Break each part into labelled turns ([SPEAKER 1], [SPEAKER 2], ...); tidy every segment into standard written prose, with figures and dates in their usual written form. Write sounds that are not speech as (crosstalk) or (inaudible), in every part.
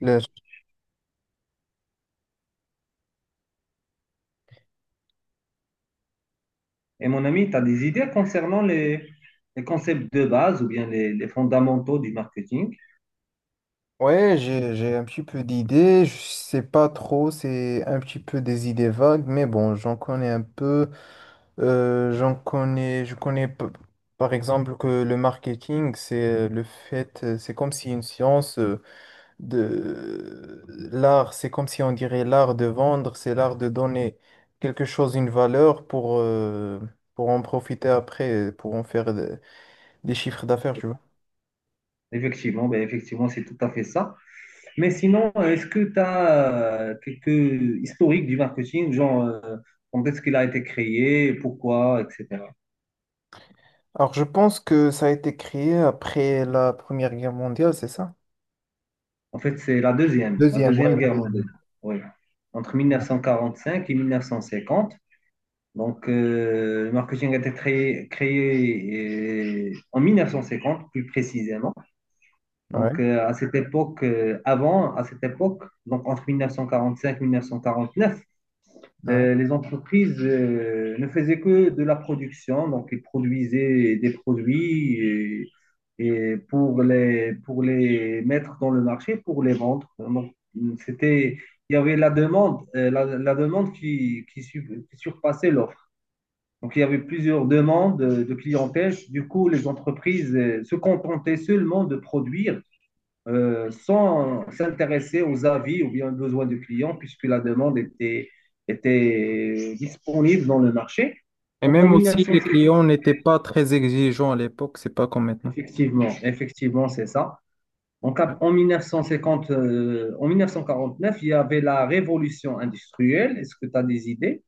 [SPEAKER 1] Le-
[SPEAKER 2] Et mon ami, tu as des idées concernant les concepts de base ou bien les fondamentaux du marketing.
[SPEAKER 1] Ouais, j'ai un petit peu d'idées, je sais pas trop, c'est un petit peu des idées vagues, mais bon, j'en connais un peu. J'en connais, par exemple que le marketing, c'est le fait, c'est comme si une science de l'art, c'est comme si on dirait l'art de vendre, c'est l'art de donner quelque chose, une valeur pour pour en profiter après, pour en des chiffres d'affaires, tu vois.
[SPEAKER 2] Effectivement, effectivement, c'est tout à fait ça. Mais sinon, est-ce que tu as quelques historiques du marketing, genre quand est-ce qu'il a été créé, pourquoi, etc.
[SPEAKER 1] Alors, je pense que ça a été créé après la Première Guerre mondiale, c'est ça?
[SPEAKER 2] En fait, c'est la
[SPEAKER 1] Deuxième, ouais,
[SPEAKER 2] deuxième
[SPEAKER 1] la
[SPEAKER 2] guerre
[SPEAKER 1] deuxième.
[SPEAKER 2] mondiale. Oui. Entre 1945 et 1950. Donc, le marketing a été créé en 1950, plus précisément.
[SPEAKER 1] Ouais,
[SPEAKER 2] Donc, à cette à cette époque, donc entre 1945 et 1949,
[SPEAKER 1] ouais.
[SPEAKER 2] les entreprises ne faisaient que de la production, donc ils produisaient des produits et pour pour les mettre dans le marché, pour les vendre. C'était, il y avait la demande, la demande qui surpassait l'offre. Donc, il y avait plusieurs demandes de clientèle. Du coup, les entreprises se contentaient seulement de produire sans s'intéresser aux avis ou bien aux besoins du client, puisque la était disponible dans le marché.
[SPEAKER 1] Et
[SPEAKER 2] Donc en
[SPEAKER 1] même aussi, les
[SPEAKER 2] 1950,
[SPEAKER 1] clients n'étaient pas très exigeants à l'époque, c'est pas comme maintenant.
[SPEAKER 2] effectivement, c'est ça. Donc,
[SPEAKER 1] Ouais.
[SPEAKER 2] en 1949, il y avait la révolution industrielle. Est-ce que tu as des idées?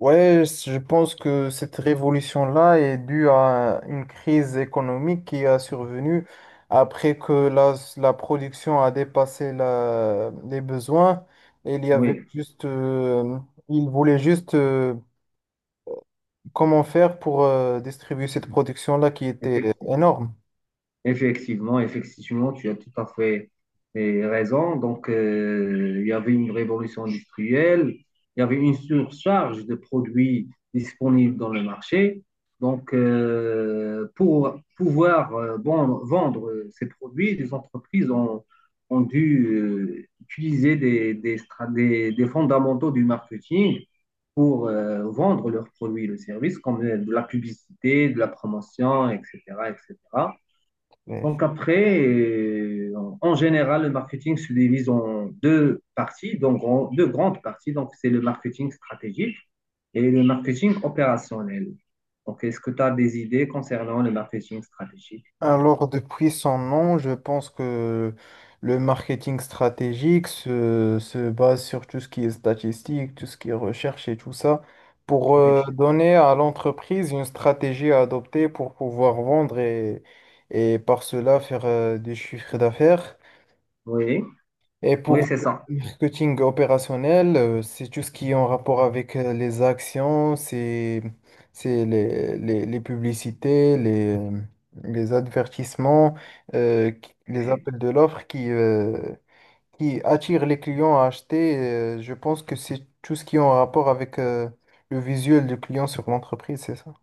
[SPEAKER 1] Ouais, je pense que cette révolution-là est due à une crise économique qui a survenu après que la production a dépassé les besoins. Il y avait
[SPEAKER 2] Oui,
[SPEAKER 1] juste, ils voulaient juste comment faire pour distribuer cette production-là qui était
[SPEAKER 2] effectivement.
[SPEAKER 1] énorme?
[SPEAKER 2] Effectivement, tu as tout à fait raison. Donc, il y avait une révolution industrielle, il y avait une surcharge de produits disponibles dans le marché. Donc, pour pouvoir vendre ces produits, les ont dû utiliser des fondamentaux du marketing pour vendre leurs produits et leurs services, comme de la publicité, de la promotion, etc.
[SPEAKER 1] Mais-
[SPEAKER 2] Donc après, en général, le marketing se divise en deux parties, donc en deux grandes parties. Donc c'est le marketing stratégique et le marketing opérationnel. Donc est-ce que tu as des idées concernant le marketing stratégique?
[SPEAKER 1] Alors, depuis son nom, je pense que le marketing stratégique se base sur tout ce qui est statistique, tout ce qui est recherche et tout ça, pour
[SPEAKER 2] Effectivement.
[SPEAKER 1] donner à l'entreprise une stratégie à adopter pour pouvoir vendre, et par cela faire du chiffre d'affaires.
[SPEAKER 2] Oui,
[SPEAKER 1] Et
[SPEAKER 2] oui,
[SPEAKER 1] pour
[SPEAKER 2] c'est ça.
[SPEAKER 1] le marketing opérationnel, c'est tout ce qui est en rapport avec les actions, c'est les publicités, les advertisements, les
[SPEAKER 2] Oui.
[SPEAKER 1] appels de l'offre qui, qui attirent les clients à acheter. Je pense que c'est tout ce qui est en rapport avec le visuel du client sur l'entreprise, c'est ça?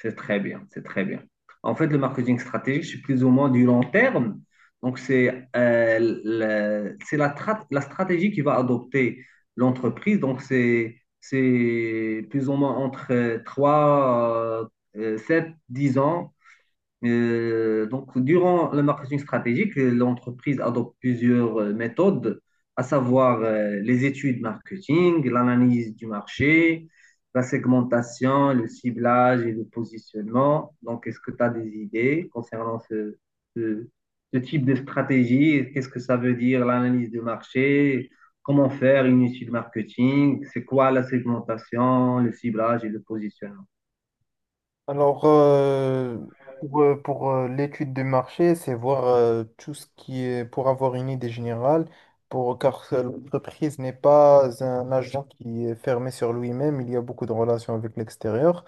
[SPEAKER 2] C'est très bien, c'est très bien. En fait, le marketing stratégique, c'est plus ou moins du long terme. Donc, c'est c'est la stratégie qui va adopter l'entreprise. Donc, c'est plus ou moins entre 3, 7, 10 ans donc, durant le marketing stratégique, l'entreprise adopte plusieurs méthodes, à savoir les études marketing, l'analyse du marché, la segmentation, le ciblage et le positionnement. Donc, est-ce que tu as des idées concernant ce- ce type de stratégie? Qu'est-ce que ça veut dire l'analyse du marché? Comment faire une étude marketing? C'est quoi la segmentation, le ciblage et le positionnement?
[SPEAKER 1] Alors, euh, l'étude du marché, c'est voir tout ce qui est pour avoir une idée générale, pour, car l'entreprise n'est pas un agent qui est fermé sur lui-même, il y a beaucoup de relations avec l'extérieur.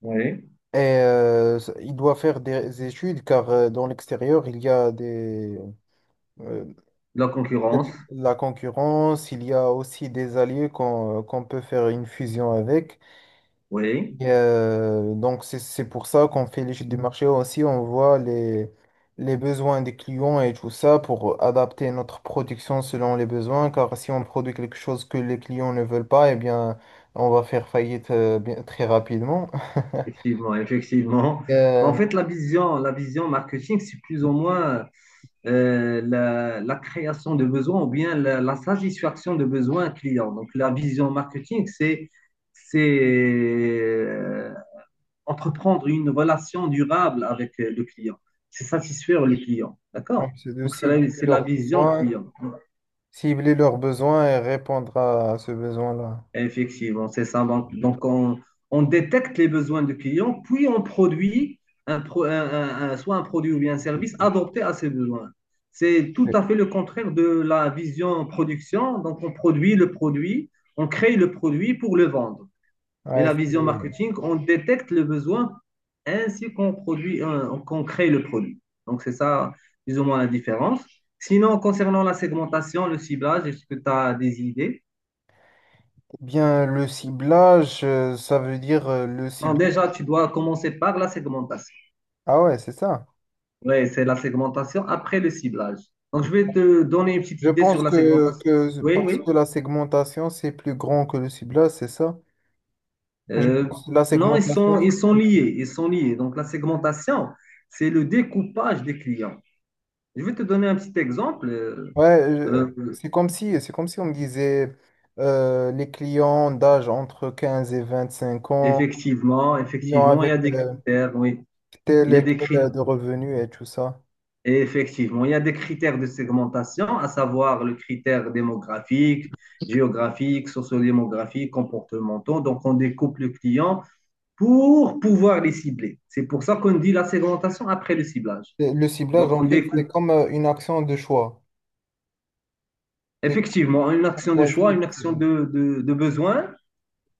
[SPEAKER 2] Oui.
[SPEAKER 1] Et il doit faire des études, car dans l'extérieur, euh,
[SPEAKER 2] La
[SPEAKER 1] il y a
[SPEAKER 2] concurrence?
[SPEAKER 1] des- la concurrence, il y a aussi des alliés qu'on peut faire une fusion avec.
[SPEAKER 2] Oui.
[SPEAKER 1] Donc, c'est pour ça qu'on fait l'étude du marché aussi. On voit les besoins des clients et tout ça pour adapter notre production selon les besoins. Car si on produit quelque chose que les clients ne veulent pas, eh bien, on va faire faillite très rapidement. (laughs)
[SPEAKER 2] Effectivement, effectivement. En
[SPEAKER 1] Euh,
[SPEAKER 2] fait, la vision marketing, c'est plus ou moins la création de besoins ou bien la satisfaction de besoins clients. Donc, la vision marketing, c'est euh, entreprendre une relation durable avec le client. C'est satisfaire le client.
[SPEAKER 1] donc,
[SPEAKER 2] D'accord?
[SPEAKER 1] c'est de
[SPEAKER 2] Donc, c'est la vision client.
[SPEAKER 1] cibler leurs besoins et répondre à ce besoin-là.
[SPEAKER 2] Effectivement, c'est ça. Donc, on détecte les besoins du client, puis on produit un pro- un- soit un produit ou bien un service adapté à ses besoins. C'est tout à fait le contraire de la vision production. Donc, on produit le produit, on crée le produit pour le vendre. Mais
[SPEAKER 1] Ouais,
[SPEAKER 2] la vision
[SPEAKER 1] c'est-
[SPEAKER 2] marketing, on détecte le besoin ainsi qu'on qu'on crée le produit. Donc, c'est ça, plus ou moins la différence. Sinon, concernant la segmentation, le ciblage, est-ce que tu as des idées?
[SPEAKER 1] Eh bien, le ciblage, ça veut dire le
[SPEAKER 2] Donc
[SPEAKER 1] ciblage.
[SPEAKER 2] déjà, tu dois commencer par la segmentation.
[SPEAKER 1] Ah ouais, c'est ça.
[SPEAKER 2] Oui, c'est la segmentation après le ciblage. Donc, je vais te donner une petite
[SPEAKER 1] Je
[SPEAKER 2] idée
[SPEAKER 1] pense
[SPEAKER 2] sur la
[SPEAKER 1] que,
[SPEAKER 2] segmentation.
[SPEAKER 1] que
[SPEAKER 2] Oui,
[SPEAKER 1] parce
[SPEAKER 2] oui.
[SPEAKER 1] que la segmentation, c'est plus grand que le ciblage, c'est ça? Je
[SPEAKER 2] Euh,
[SPEAKER 1] pense que la
[SPEAKER 2] non,
[SPEAKER 1] segmentation,
[SPEAKER 2] ils sont liés. Ils sont liés. Donc, la segmentation, c'est le découpage des clients. Je vais te donner un petit exemple.
[SPEAKER 1] ouais,
[SPEAKER 2] Euh,
[SPEAKER 1] c'est comme si on me disait les clients d'âge entre 15 et 25 ans,
[SPEAKER 2] effectivement,
[SPEAKER 1] clients
[SPEAKER 2] effectivement, il y
[SPEAKER 1] avec
[SPEAKER 2] a des critères. Oui,
[SPEAKER 1] tel
[SPEAKER 2] il y a
[SPEAKER 1] et
[SPEAKER 2] des
[SPEAKER 1] quel
[SPEAKER 2] critères.
[SPEAKER 1] de revenus et tout ça.
[SPEAKER 2] Et effectivement, il y a des critères de segmentation, à savoir le critère démographique, géographique, sociodémographique, comportementaux. Donc, on découpe le client pour pouvoir les cibler. C'est pour ça qu'on dit la segmentation après le ciblage.
[SPEAKER 1] Et le ciblage,
[SPEAKER 2] Donc,
[SPEAKER 1] en
[SPEAKER 2] on
[SPEAKER 1] fait, c'est
[SPEAKER 2] découpe
[SPEAKER 1] comme une action de choix. C'est
[SPEAKER 2] effectivement une
[SPEAKER 1] qu'on
[SPEAKER 2] action de choix,
[SPEAKER 1] choisit
[SPEAKER 2] une
[SPEAKER 1] le
[SPEAKER 2] action
[SPEAKER 1] ciblage.
[SPEAKER 2] de besoin.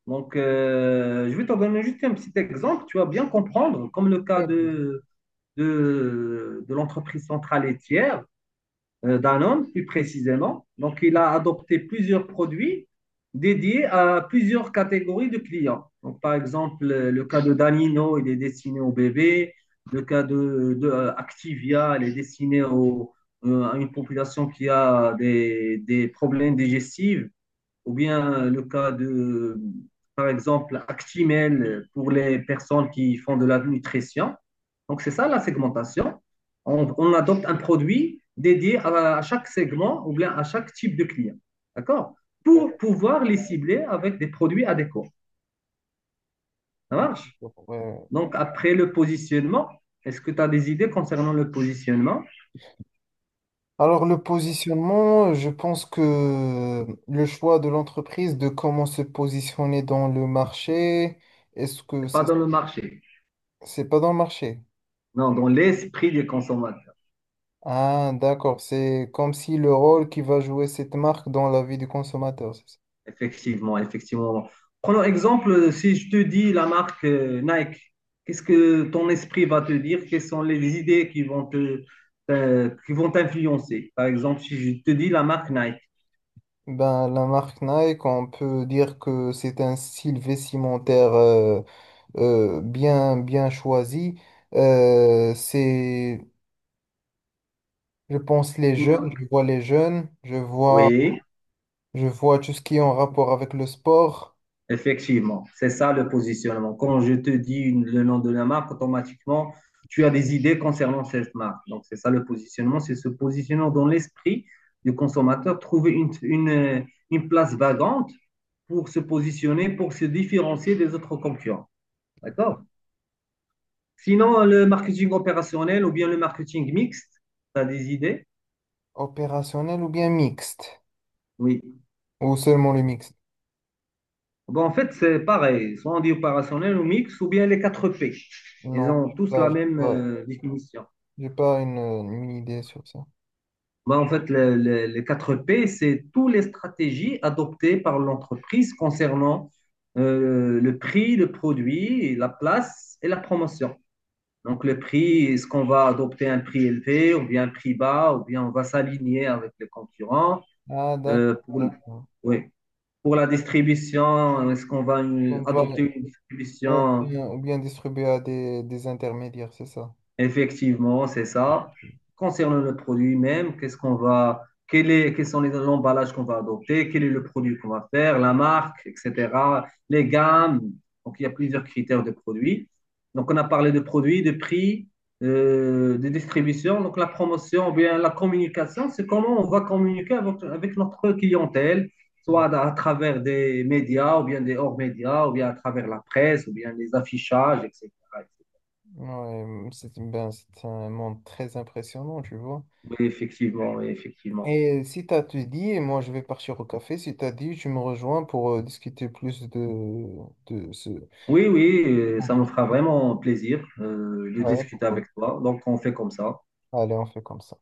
[SPEAKER 2] Donc, je vais te donner juste un petit exemple, tu vas bien comprendre, comme le cas
[SPEAKER 1] Ouais, vas-y,
[SPEAKER 2] de l'entreprise centrale et tiers. Danone plus précisément. Donc, il a
[SPEAKER 1] hein.
[SPEAKER 2] adopté plusieurs produits dédiés à plusieurs catégories de clients. Donc, par exemple, le cas de Danino, il est destiné aux bébés. Le cas Activia, il est destiné à une population qui a des problèmes digestifs ou bien le cas de, par exemple, Actimel pour les personnes qui font de la nutrition. Donc, c'est ça la segmentation. Adopte un produit dédié à chaque segment ou bien à chaque type de client. D'accord. Pour pouvoir les cibler avec des produits adéquats. Ça marche.
[SPEAKER 1] Euh, ouais,
[SPEAKER 2] Donc, après le positionnement, est-ce que tu as des idées concernant le positionnement?
[SPEAKER 1] alors le positionnement, je pense que le choix de l'entreprise de comment se positionner dans le marché, est-ce que ça,
[SPEAKER 2] Pas dans le marché.
[SPEAKER 1] c'est pas dans le marché?
[SPEAKER 2] Non, dans l'esprit des consommateurs.
[SPEAKER 1] Ah, d'accord, c'est comme si le rôle qui va jouer cette marque dans la vie du consommateur, c'est ça.
[SPEAKER 2] Effectivement, effectivement. Prenons exemple, si je te dis la marque Nike, qu'est-ce que ton esprit va te dire? Quelles sont les idées qui vont qui vont t'influencer? Par exemple, si je te dis la marque Nike.
[SPEAKER 1] Ben, la marque Nike, on peut dire que c'est un style vestimentaire bien choisi. Euh, c'est, je pense, les
[SPEAKER 2] Une
[SPEAKER 1] jeunes, je
[SPEAKER 2] marque.
[SPEAKER 1] vois je vois,
[SPEAKER 2] Oui.
[SPEAKER 1] je vois tout ce qui est en rapport avec le sport
[SPEAKER 2] Effectivement, c'est ça le positionnement. Quand je te dis le nom de la marque, automatiquement, tu as des idées concernant cette marque. Donc, c'est ça le positionnement, c'est se positionner dans l'esprit du consommateur, trouver une place vagante pour se positionner, pour se différencier des autres concurrents. D'accord? Sinon, le marketing opérationnel ou bien le marketing mixte, tu as des idées?
[SPEAKER 1] opérationnel ou bien mixte.
[SPEAKER 2] Oui.
[SPEAKER 1] Ou seulement le mixte.
[SPEAKER 2] Bon, en fait, c'est pareil, soit on dit opérationnel ou mixte, ou bien les 4 P. Ils
[SPEAKER 1] Non,
[SPEAKER 2] ont
[SPEAKER 1] je n'ai
[SPEAKER 2] tous
[SPEAKER 1] pas,
[SPEAKER 2] la
[SPEAKER 1] j'ai
[SPEAKER 2] même
[SPEAKER 1] pas,
[SPEAKER 2] définition.
[SPEAKER 1] j'ai pas une idée sur ça.
[SPEAKER 2] En fait, les 4 P c'est toutes les stratégies adoptées par l'entreprise concernant le prix, le produit, la place et la promotion. Donc, le prix, est-ce qu'on va adopter un prix élevé ou bien un prix bas ou bien on va s'aligner avec les concurrents?
[SPEAKER 1] Ah, d'accord,
[SPEAKER 2] Euh, pour, le-
[SPEAKER 1] d'accord.
[SPEAKER 2] oui. Pour la distribution, est-ce qu'on va
[SPEAKER 1] On va
[SPEAKER 2] adopter une distribution.
[SPEAKER 1] ou bien distribuer à des intermédiaires, c'est ça.
[SPEAKER 2] Effectivement, c'est ça. Concernant le produit même, qu'est-ce qu'on va, quel est, quels sont les emballages qu'on va adopter, quel est le produit qu'on va faire, la marque, etc., les gammes. Donc, il y a plusieurs critères de produits. Donc, on a parlé de produits, de prix, de distribution. Donc, la promotion, ou bien la communication, c'est comment on va communiquer avec notre clientèle,
[SPEAKER 1] Ouais,
[SPEAKER 2] soit à travers des médias, ou bien des hors-médias, ou bien à travers la presse, ou bien les affichages, etc.
[SPEAKER 1] Ouais, mm, c'est un monde très impressionnant, tu vois.
[SPEAKER 2] Oui, effectivement, oui, effectivement.
[SPEAKER 1] Et si t'as tout dit, et moi je vais partir au café, si t'as dit, tu me rejoins pour discuter plus de ce...
[SPEAKER 2] Oui, oui, ça me fera vraiment plaisir de
[SPEAKER 1] Ouais,
[SPEAKER 2] discuter
[SPEAKER 1] pourquoi
[SPEAKER 2] avec toi. Donc, on fait comme ça.
[SPEAKER 1] pas. Allez, on fait comme ça.